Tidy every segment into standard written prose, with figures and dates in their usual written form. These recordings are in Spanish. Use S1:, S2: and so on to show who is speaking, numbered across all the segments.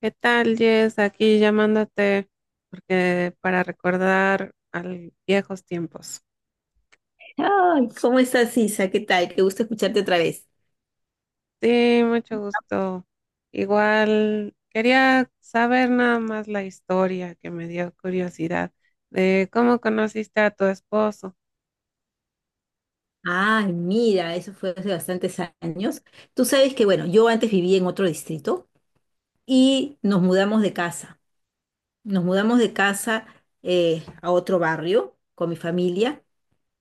S1: ¿Qué tal, Jess? Aquí llamándote porque para recordar a viejos tiempos.
S2: Ay, ¿cómo estás, Isa? ¿Qué tal? Qué gusto escucharte otra vez.
S1: Sí, mucho gusto. Igual quería saber nada más la historia que me dio curiosidad de cómo conociste a tu esposo
S2: Ay, mira, eso fue hace bastantes años. Tú sabes que, bueno, yo antes vivía en otro distrito y Nos mudamos de casa a otro barrio con mi familia,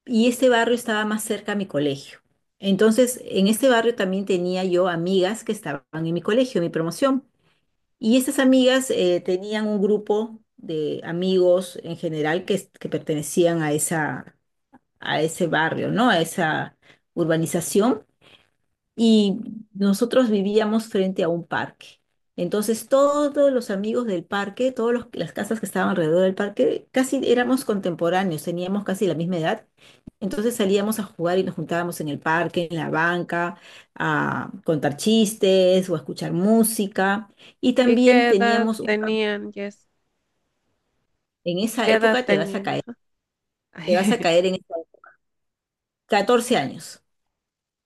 S2: y este barrio estaba más cerca a mi colegio. Entonces, en este barrio también tenía yo amigas que estaban en mi colegio, en mi promoción. Y estas amigas tenían un grupo de amigos en general que pertenecían a esa a ese barrio, ¿no? A esa urbanización, y nosotros vivíamos frente a un parque. Entonces todos los amigos del parque, todas las casas que estaban alrededor del parque, casi éramos contemporáneos, teníamos casi la misma edad. Entonces salíamos a jugar y nos juntábamos en el parque, en la banca, a contar chistes o a escuchar música. Y
S1: y
S2: también
S1: qué edad
S2: teníamos un campo-
S1: tenían, Jess.
S2: En esa
S1: ¿Qué edad
S2: época te vas a
S1: tenían?
S2: caer,
S1: Ajá.
S2: te vas a caer en esa- 14 años.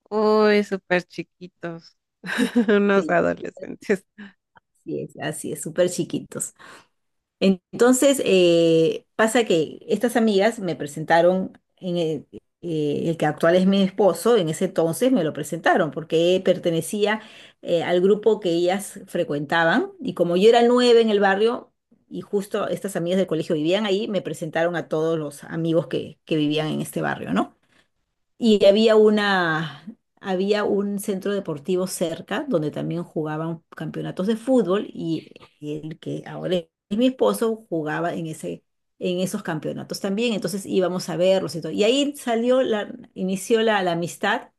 S1: Uy, súper chiquitos, unos
S2: Sí.
S1: adolescentes.
S2: Así es, súper chiquitos. Entonces, pasa que estas amigas me presentaron en el que actual es mi esposo. En ese entonces me lo presentaron porque pertenecía al grupo que ellas frecuentaban, y como yo era nueve en el barrio y justo estas amigas del colegio vivían ahí, me presentaron a todos los amigos que vivían en este barrio, ¿no? Y había un centro deportivo cerca donde también jugaban campeonatos de fútbol, y el que ahora es mi esposo jugaba en esos campeonatos también. Entonces íbamos a verlos y todo. Y ahí inició la amistad,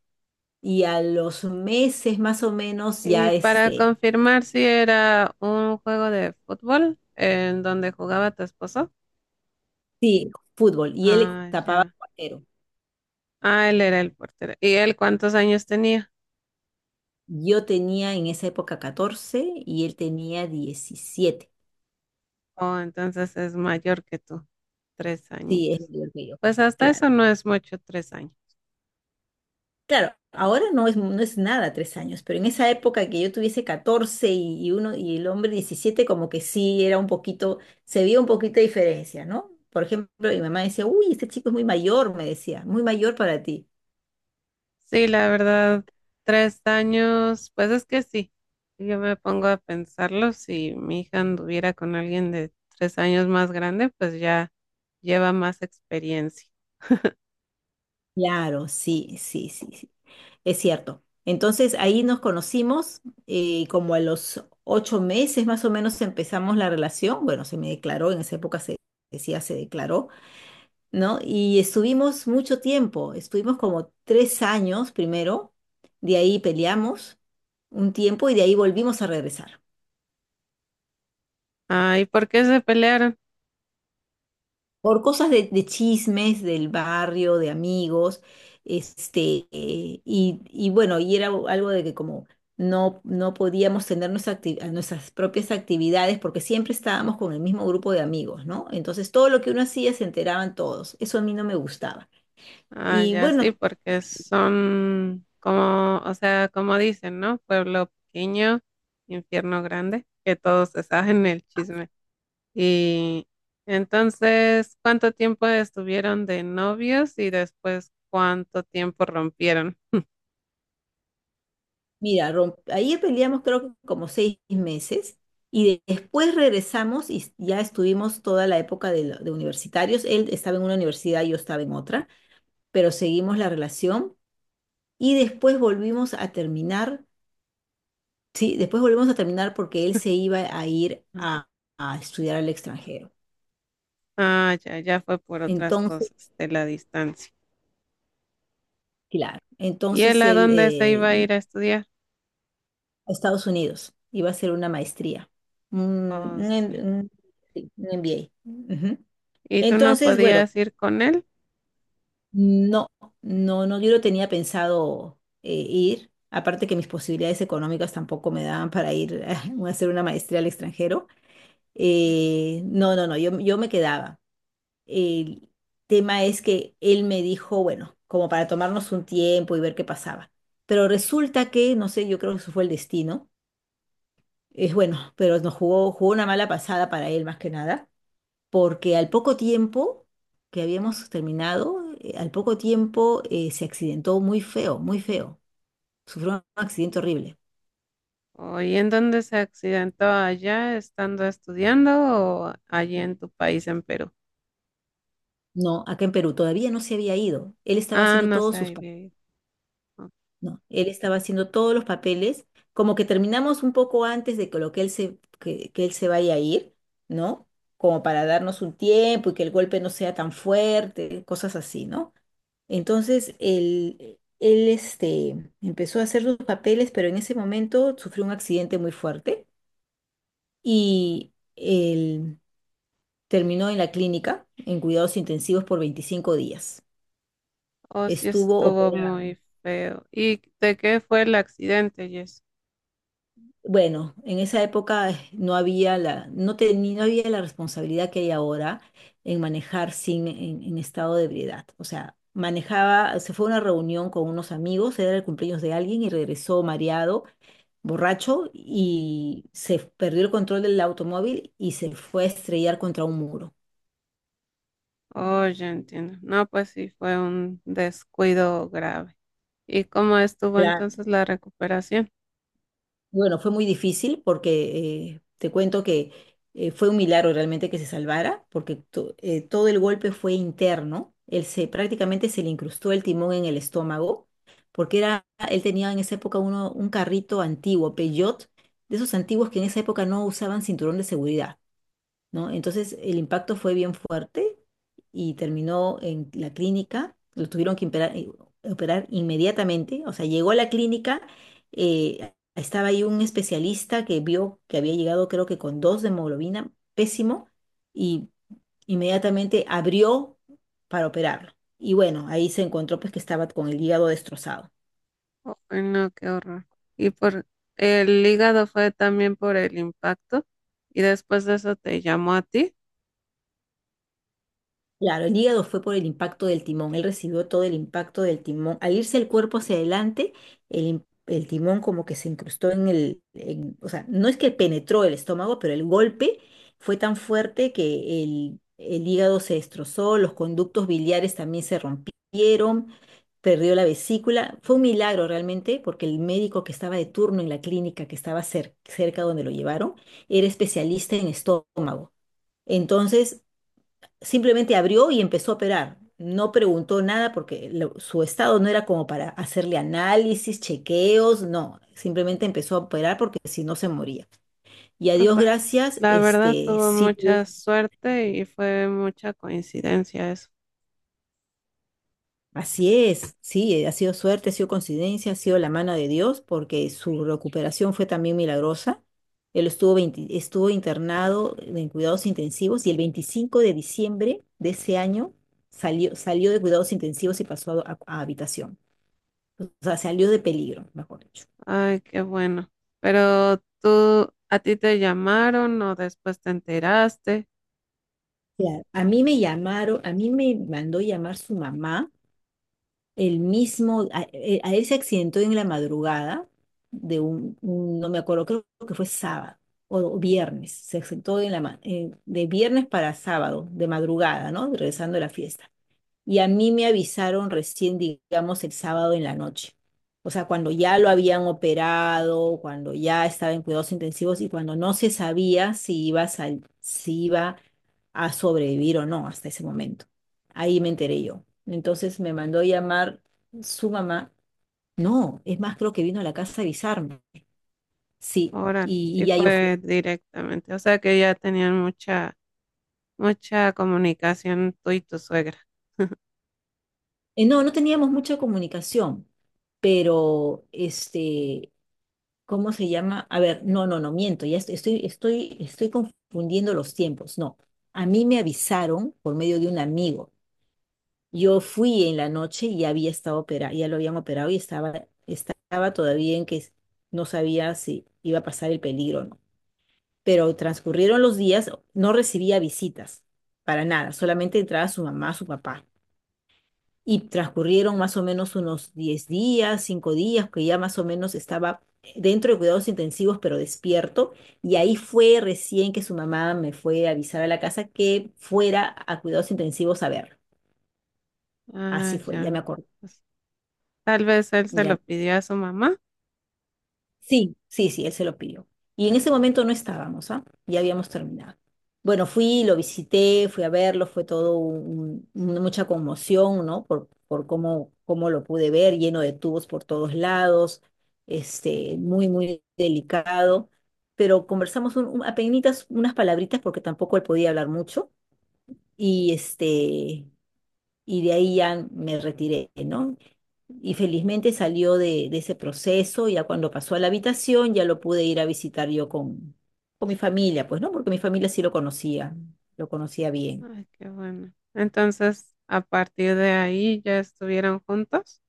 S2: y a los meses más o menos
S1: Y
S2: ya
S1: para
S2: este,
S1: confirmar si era un juego de fútbol en donde jugaba tu esposo.
S2: sí, fútbol. Y él
S1: Ah,
S2: tapaba
S1: ya.
S2: portero.
S1: Ah, él era el portero. ¿Y él cuántos años tenía?
S2: Yo tenía en esa época 14 y él tenía 17.
S1: Oh, entonces es mayor que tú. Tres
S2: Sí, es
S1: añitos.
S2: mayor que yo.
S1: Pues hasta
S2: Claro.
S1: eso no es mucho, tres años.
S2: Claro, ahora no es, nada 3 años, pero en esa época que yo tuviese 14 y uno y el hombre 17, como que sí era un poquito, se veía un poquito de diferencia, ¿no? Por ejemplo, mi mamá decía, uy, este chico es muy mayor, me decía, muy mayor para ti.
S1: Sí, la verdad, tres años, pues es que sí. Yo me pongo a pensarlo, si mi hija anduviera con alguien de tres años más grande, pues ya lleva más experiencia.
S2: Claro, sí, sí, sí, sí, es cierto. Entonces ahí nos conocimos, y como a los 8 meses más o menos empezamos la relación. Bueno, se me declaró, en esa época se decía, se declaró, ¿no? Y estuvimos mucho tiempo, estuvimos como 3 años primero, de ahí peleamos un tiempo y de ahí volvimos a regresar.
S1: Ah, ¿y por qué se pelearon?
S2: Por cosas de, chismes del barrio, de amigos, este, y, bueno, y era algo de que como no, no podíamos tener nuestras propias actividades porque siempre estábamos con el mismo grupo de amigos, ¿no? Entonces todo lo que uno hacía se enteraban todos. Eso a mí no me gustaba.
S1: Ah,
S2: Y
S1: ya
S2: bueno,
S1: sí, porque son como, o sea, como dicen, ¿no? Pueblo pequeño, infierno grande, que todos se saben el chisme. Y entonces, ¿cuánto tiempo estuvieron de novios y después cuánto tiempo rompieron?
S2: mira, ahí peleamos creo que como 6 meses y después regresamos y ya estuvimos toda la época de universitarios. Él estaba en una universidad, yo estaba en otra, pero seguimos la relación y después volvimos a terminar. Sí, después volvimos a terminar porque él se iba a ir
S1: Ah.
S2: a, estudiar al extranjero.
S1: Ah, ya, ya fue por otras
S2: Entonces,
S1: cosas de la distancia.
S2: claro,
S1: ¿Y él
S2: entonces
S1: a
S2: él,
S1: dónde se iba a ir a estudiar?
S2: a Estados Unidos, iba a hacer una maestría, un,
S1: Oh,
S2: un, em-
S1: sí.
S2: un- sí, un MBA. Ujú.
S1: ¿Y tú no
S2: Entonces, bueno.
S1: podías ir con él?
S2: No, no, no, yo no tenía pensado ir. Aparte que mis posibilidades económicas tampoco me daban para ir a hacer una maestría al extranjero. No, no, no, yo me quedaba. El tema es que él me dijo, bueno, como para tomarnos un tiempo y ver qué pasaba. Pero resulta que, no sé, yo creo que eso fue el destino. Es bueno, pero nos jugó una mala pasada, para él más que nada, porque al poco tiempo que habíamos terminado, al poco tiempo se accidentó muy feo, muy feo. Sufrió un accidente horrible.
S1: Oye, ¿en dónde se accidentó allá estando estudiando o allí en tu país, en Perú?
S2: No, acá en Perú todavía no se había ido. Él estaba
S1: Ah,
S2: haciendo
S1: no sé,
S2: todos sus
S1: ahí
S2: papeles.
S1: vi. O
S2: No, él estaba haciendo todos los papeles, como que terminamos un poco antes de que lo que que él se vaya a ir, ¿no? Como para darnos un tiempo y que el golpe no sea tan fuerte, cosas así, ¿no? Entonces, él este, empezó a hacer sus papeles, pero en ese momento sufrió un accidente muy fuerte, y él terminó en la clínica en cuidados intensivos por 25 días.
S1: o sí
S2: Estuvo
S1: estuvo
S2: operado.
S1: muy feo. ¿Y de qué fue el accidente, Jess?
S2: Bueno, en esa época no había la, no había la responsabilidad que hay ahora en manejar sin, en estado de ebriedad. O sea, manejaba, se fue a una reunión con unos amigos, era el cumpleaños de alguien y regresó mareado, borracho, y se perdió el control del automóvil y se fue a estrellar contra un muro.
S1: Oh, ya entiendo. No, pues sí, fue un descuido grave. ¿Y cómo estuvo
S2: Claro.
S1: entonces la recuperación?
S2: Bueno, fue muy difícil porque te cuento que fue un milagro realmente que se salvara, porque todo el golpe fue interno. Él se prácticamente se le incrustó el timón en el estómago, porque era, él tenía en esa época un carrito antiguo, Peugeot, de esos antiguos que en esa época no usaban cinturón de seguridad, ¿no? Entonces el impacto fue bien fuerte y terminó en la clínica. Lo tuvieron que operar inmediatamente, o sea, llegó a la clínica, estaba ahí un especialista que vio que había llegado creo que con 2 de hemoglobina, pésimo, y inmediatamente abrió para operarlo. Y bueno, ahí se encontró pues que estaba con el hígado destrozado.
S1: Oh, no, qué horror. ¿Y por el hígado fue también por el impacto? ¿Y después de eso te llamó a ti?
S2: Claro, el hígado fue por el impacto del timón. Él recibió todo el impacto del timón. Al irse el cuerpo hacia adelante, el timón como que se incrustó en o sea, no es que penetró el estómago, pero el golpe fue tan fuerte que el hígado se destrozó, los conductos biliares también se rompieron, perdió la vesícula. Fue un milagro realmente porque el médico que estaba de turno en la clínica, que estaba cerca donde lo llevaron, era especialista en estómago. Entonces, simplemente abrió y empezó a operar. No preguntó nada porque su estado no era como para hacerle análisis, chequeos, no. Simplemente empezó a operar porque si no se moría. Y a
S1: No,
S2: Dios
S1: pues
S2: gracias,
S1: la verdad
S2: este,
S1: tuvo
S2: sí tuvo-.
S1: mucha suerte y fue mucha coincidencia eso.
S2: Así es, sí, ha sido suerte, ha sido coincidencia, ha sido la mano de Dios, porque su recuperación fue también milagrosa. Él estuvo, 20 estuvo internado en cuidados intensivos, y el 25 de diciembre de ese año salió, de cuidados intensivos y pasó a habitación. O sea, salió de peligro, mejor dicho.
S1: Ay, qué bueno. Pero tú, ¿a ti te llamaron o después te enteraste?
S2: Claro. A mí me llamaron, a mí me mandó llamar su mamá, el mismo, a él se accidentó en la madrugada de un, no me acuerdo, creo que fue sábado o viernes. Se accidentó en la, de viernes para sábado, de madrugada, ¿no? Regresando a la fiesta. Y a mí me avisaron recién, digamos, el sábado en la noche. O sea, cuando ya lo habían operado, cuando ya estaba en cuidados intensivos y cuando no se sabía si iba a, si iba a sobrevivir o no hasta ese momento. Ahí me enteré yo. Entonces me mandó a llamar su mamá. No, es más, creo que vino a la casa a avisarme. Sí,
S1: Ahora
S2: y,
S1: sí
S2: ya yo fui.
S1: fue directamente. O sea que ya tenían mucha comunicación tú y tu suegra.
S2: No, no teníamos mucha comunicación, pero este, ¿cómo se llama? A ver, no, no, no, miento, ya estoy confundiendo los tiempos. No, a mí me avisaron por medio de un amigo. Yo fui en la noche y había estado operado, ya lo habían operado, y estaba todavía en que no sabía si iba a pasar el peligro o no. Pero transcurrieron los días, no recibía visitas para nada, solamente entraba su mamá, su papá. Y transcurrieron más o menos unos 10 días, 5 días, que ya más o menos estaba dentro de cuidados intensivos, pero despierto. Y ahí fue recién que su mamá me fue a avisar a la casa que fuera a cuidados intensivos a ver.
S1: Ah,
S2: Así fue, ya
S1: ya.
S2: me acuerdo.
S1: Pues, tal vez él se lo pidió a su mamá.
S2: Sí, sí, sí, él se lo pidió. Y en ese momento no estábamos, ¿ah? Ya habíamos terminado. Bueno, fui, lo visité, fui a verlo, fue todo mucha conmoción, ¿no? Por cómo lo pude ver, lleno de tubos por todos lados, este, muy, muy delicado. Pero conversamos apenitas unas palabritas, porque tampoco él podía hablar mucho. Y este, y de ahí ya me retiré, ¿no? Y felizmente salió de ese proceso, ya cuando pasó a la habitación ya lo pude ir a visitar yo con mi familia, pues, ¿no? Porque mi familia sí lo conocía bien.
S1: Ay, qué bueno. Entonces, a partir de ahí ya estuvieron juntos.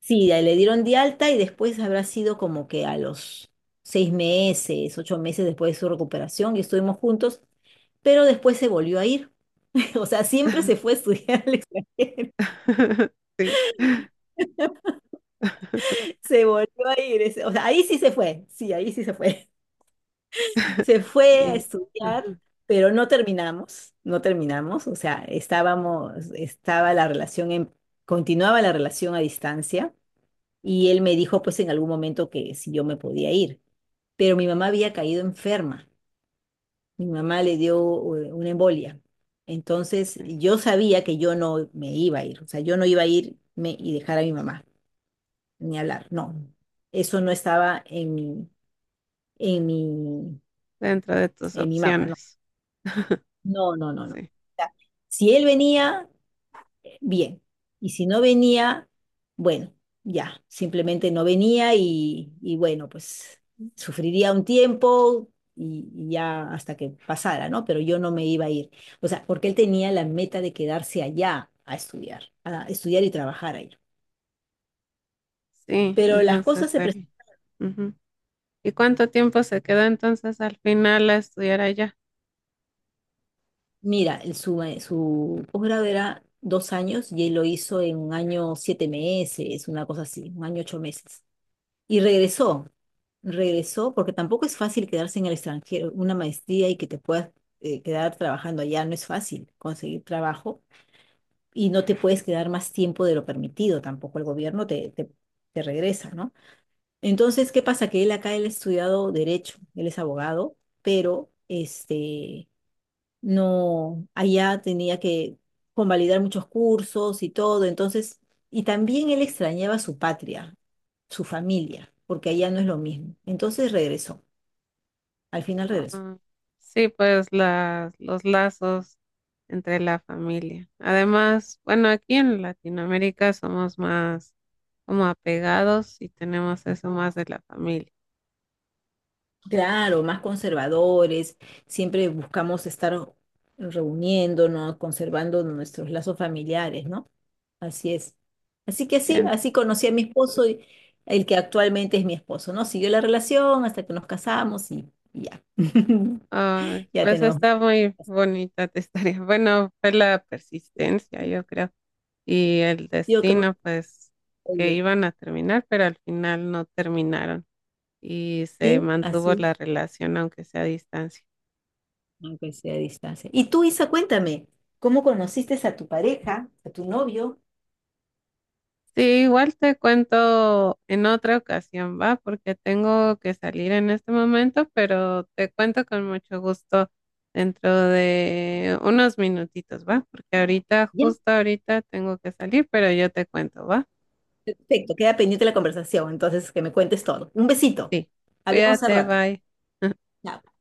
S2: Sí, ya le dieron de alta y después habrá sido como que a los 6 meses, 8 meses después de su recuperación, y estuvimos juntos, pero después se volvió a ir. O sea, siempre se fue a estudiar al extranjero.
S1: Sí.
S2: Se volvió a ir. O sea, ahí sí se fue. Sí, ahí sí se fue. Se fue a
S1: Y
S2: estudiar,
S1: ajá,
S2: pero no terminamos, o sea, estábamos, estaba la relación en, continuaba la relación a distancia, y él me dijo pues en algún momento que si yo me podía ir, pero mi mamá había caído enferma, mi mamá le dio una embolia. Entonces
S1: sí,
S2: yo sabía que yo no me iba a ir, o sea, yo no iba a irme y dejar a mi mamá, ni hablar, no, eso no estaba en mi, en mi,
S1: dentro de tus
S2: en mi mapa, ¿no?
S1: opciones.
S2: No, no, no, no.
S1: Sí,
S2: Ya. Si él venía, bien. Y si no venía, bueno, ya, simplemente no venía, y, bueno, pues sufriría un tiempo, y ya hasta que pasara, ¿no? Pero yo no me iba a ir. O sea, porque él tenía la meta de quedarse allá a estudiar y trabajar allá.
S1: sí,
S2: Pero las cosas
S1: entonces
S2: se
S1: él.
S2: presentaron.
S1: Ujú. ¿Y cuánto tiempo se quedó entonces al final a estudiar allá?
S2: Mira, su posgrado era 2 años y él lo hizo en un año 7 meses, una cosa así, un año 8 meses. Y regresó. Regresó, porque tampoco es fácil quedarse en el extranjero, una maestría y que te puedas quedar trabajando allá, no es fácil conseguir trabajo, y no te puedes quedar más tiempo de lo permitido, tampoco el gobierno te, regresa, ¿no? Entonces, ¿qué pasa? Que él acá, él ha estudiado derecho, él es abogado, pero este, no, allá tenía que convalidar muchos cursos y todo, entonces, y también él extrañaba su patria, su familia, porque allá no es lo mismo. Entonces regresó. Al final regreso.
S1: Ah, sí, pues los lazos entre la familia. Además, bueno, aquí en Latinoamérica somos más como apegados y tenemos eso más de la familia.
S2: Claro, más conservadores, siempre buscamos estar reuniéndonos, conservando nuestros lazos familiares, ¿no? Así es. Así que sí,
S1: Bien.
S2: así conocí a mi esposo, el que actualmente es mi esposo, ¿no? Siguió la relación hasta que nos casamos, y, ya.
S1: Ah,
S2: Ya
S1: pues
S2: tenemos.
S1: está muy bonita tu historia. Bueno, fue la persistencia, yo creo. Y el
S2: Yo creo
S1: destino, pues,
S2: que
S1: que iban a terminar, pero al final no terminaron y se
S2: sí, así
S1: mantuvo la
S2: es,
S1: relación, aunque sea a distancia.
S2: aunque sea a distancia. Y tú, Isa, cuéntame, ¿cómo conociste a tu pareja, a tu novio?
S1: Sí, igual te cuento en otra ocasión, va, porque tengo que salir en este momento, pero te cuento con mucho gusto dentro de unos minutitos, va, porque ahorita, justo ahorita tengo que salir, pero yo te cuento, va.
S2: Perfecto, queda pendiente la conversación, entonces que me cuentes todo. Un besito.
S1: Sí,
S2: Hablamos al
S1: cuídate,
S2: rato.
S1: bye.
S2: Chao.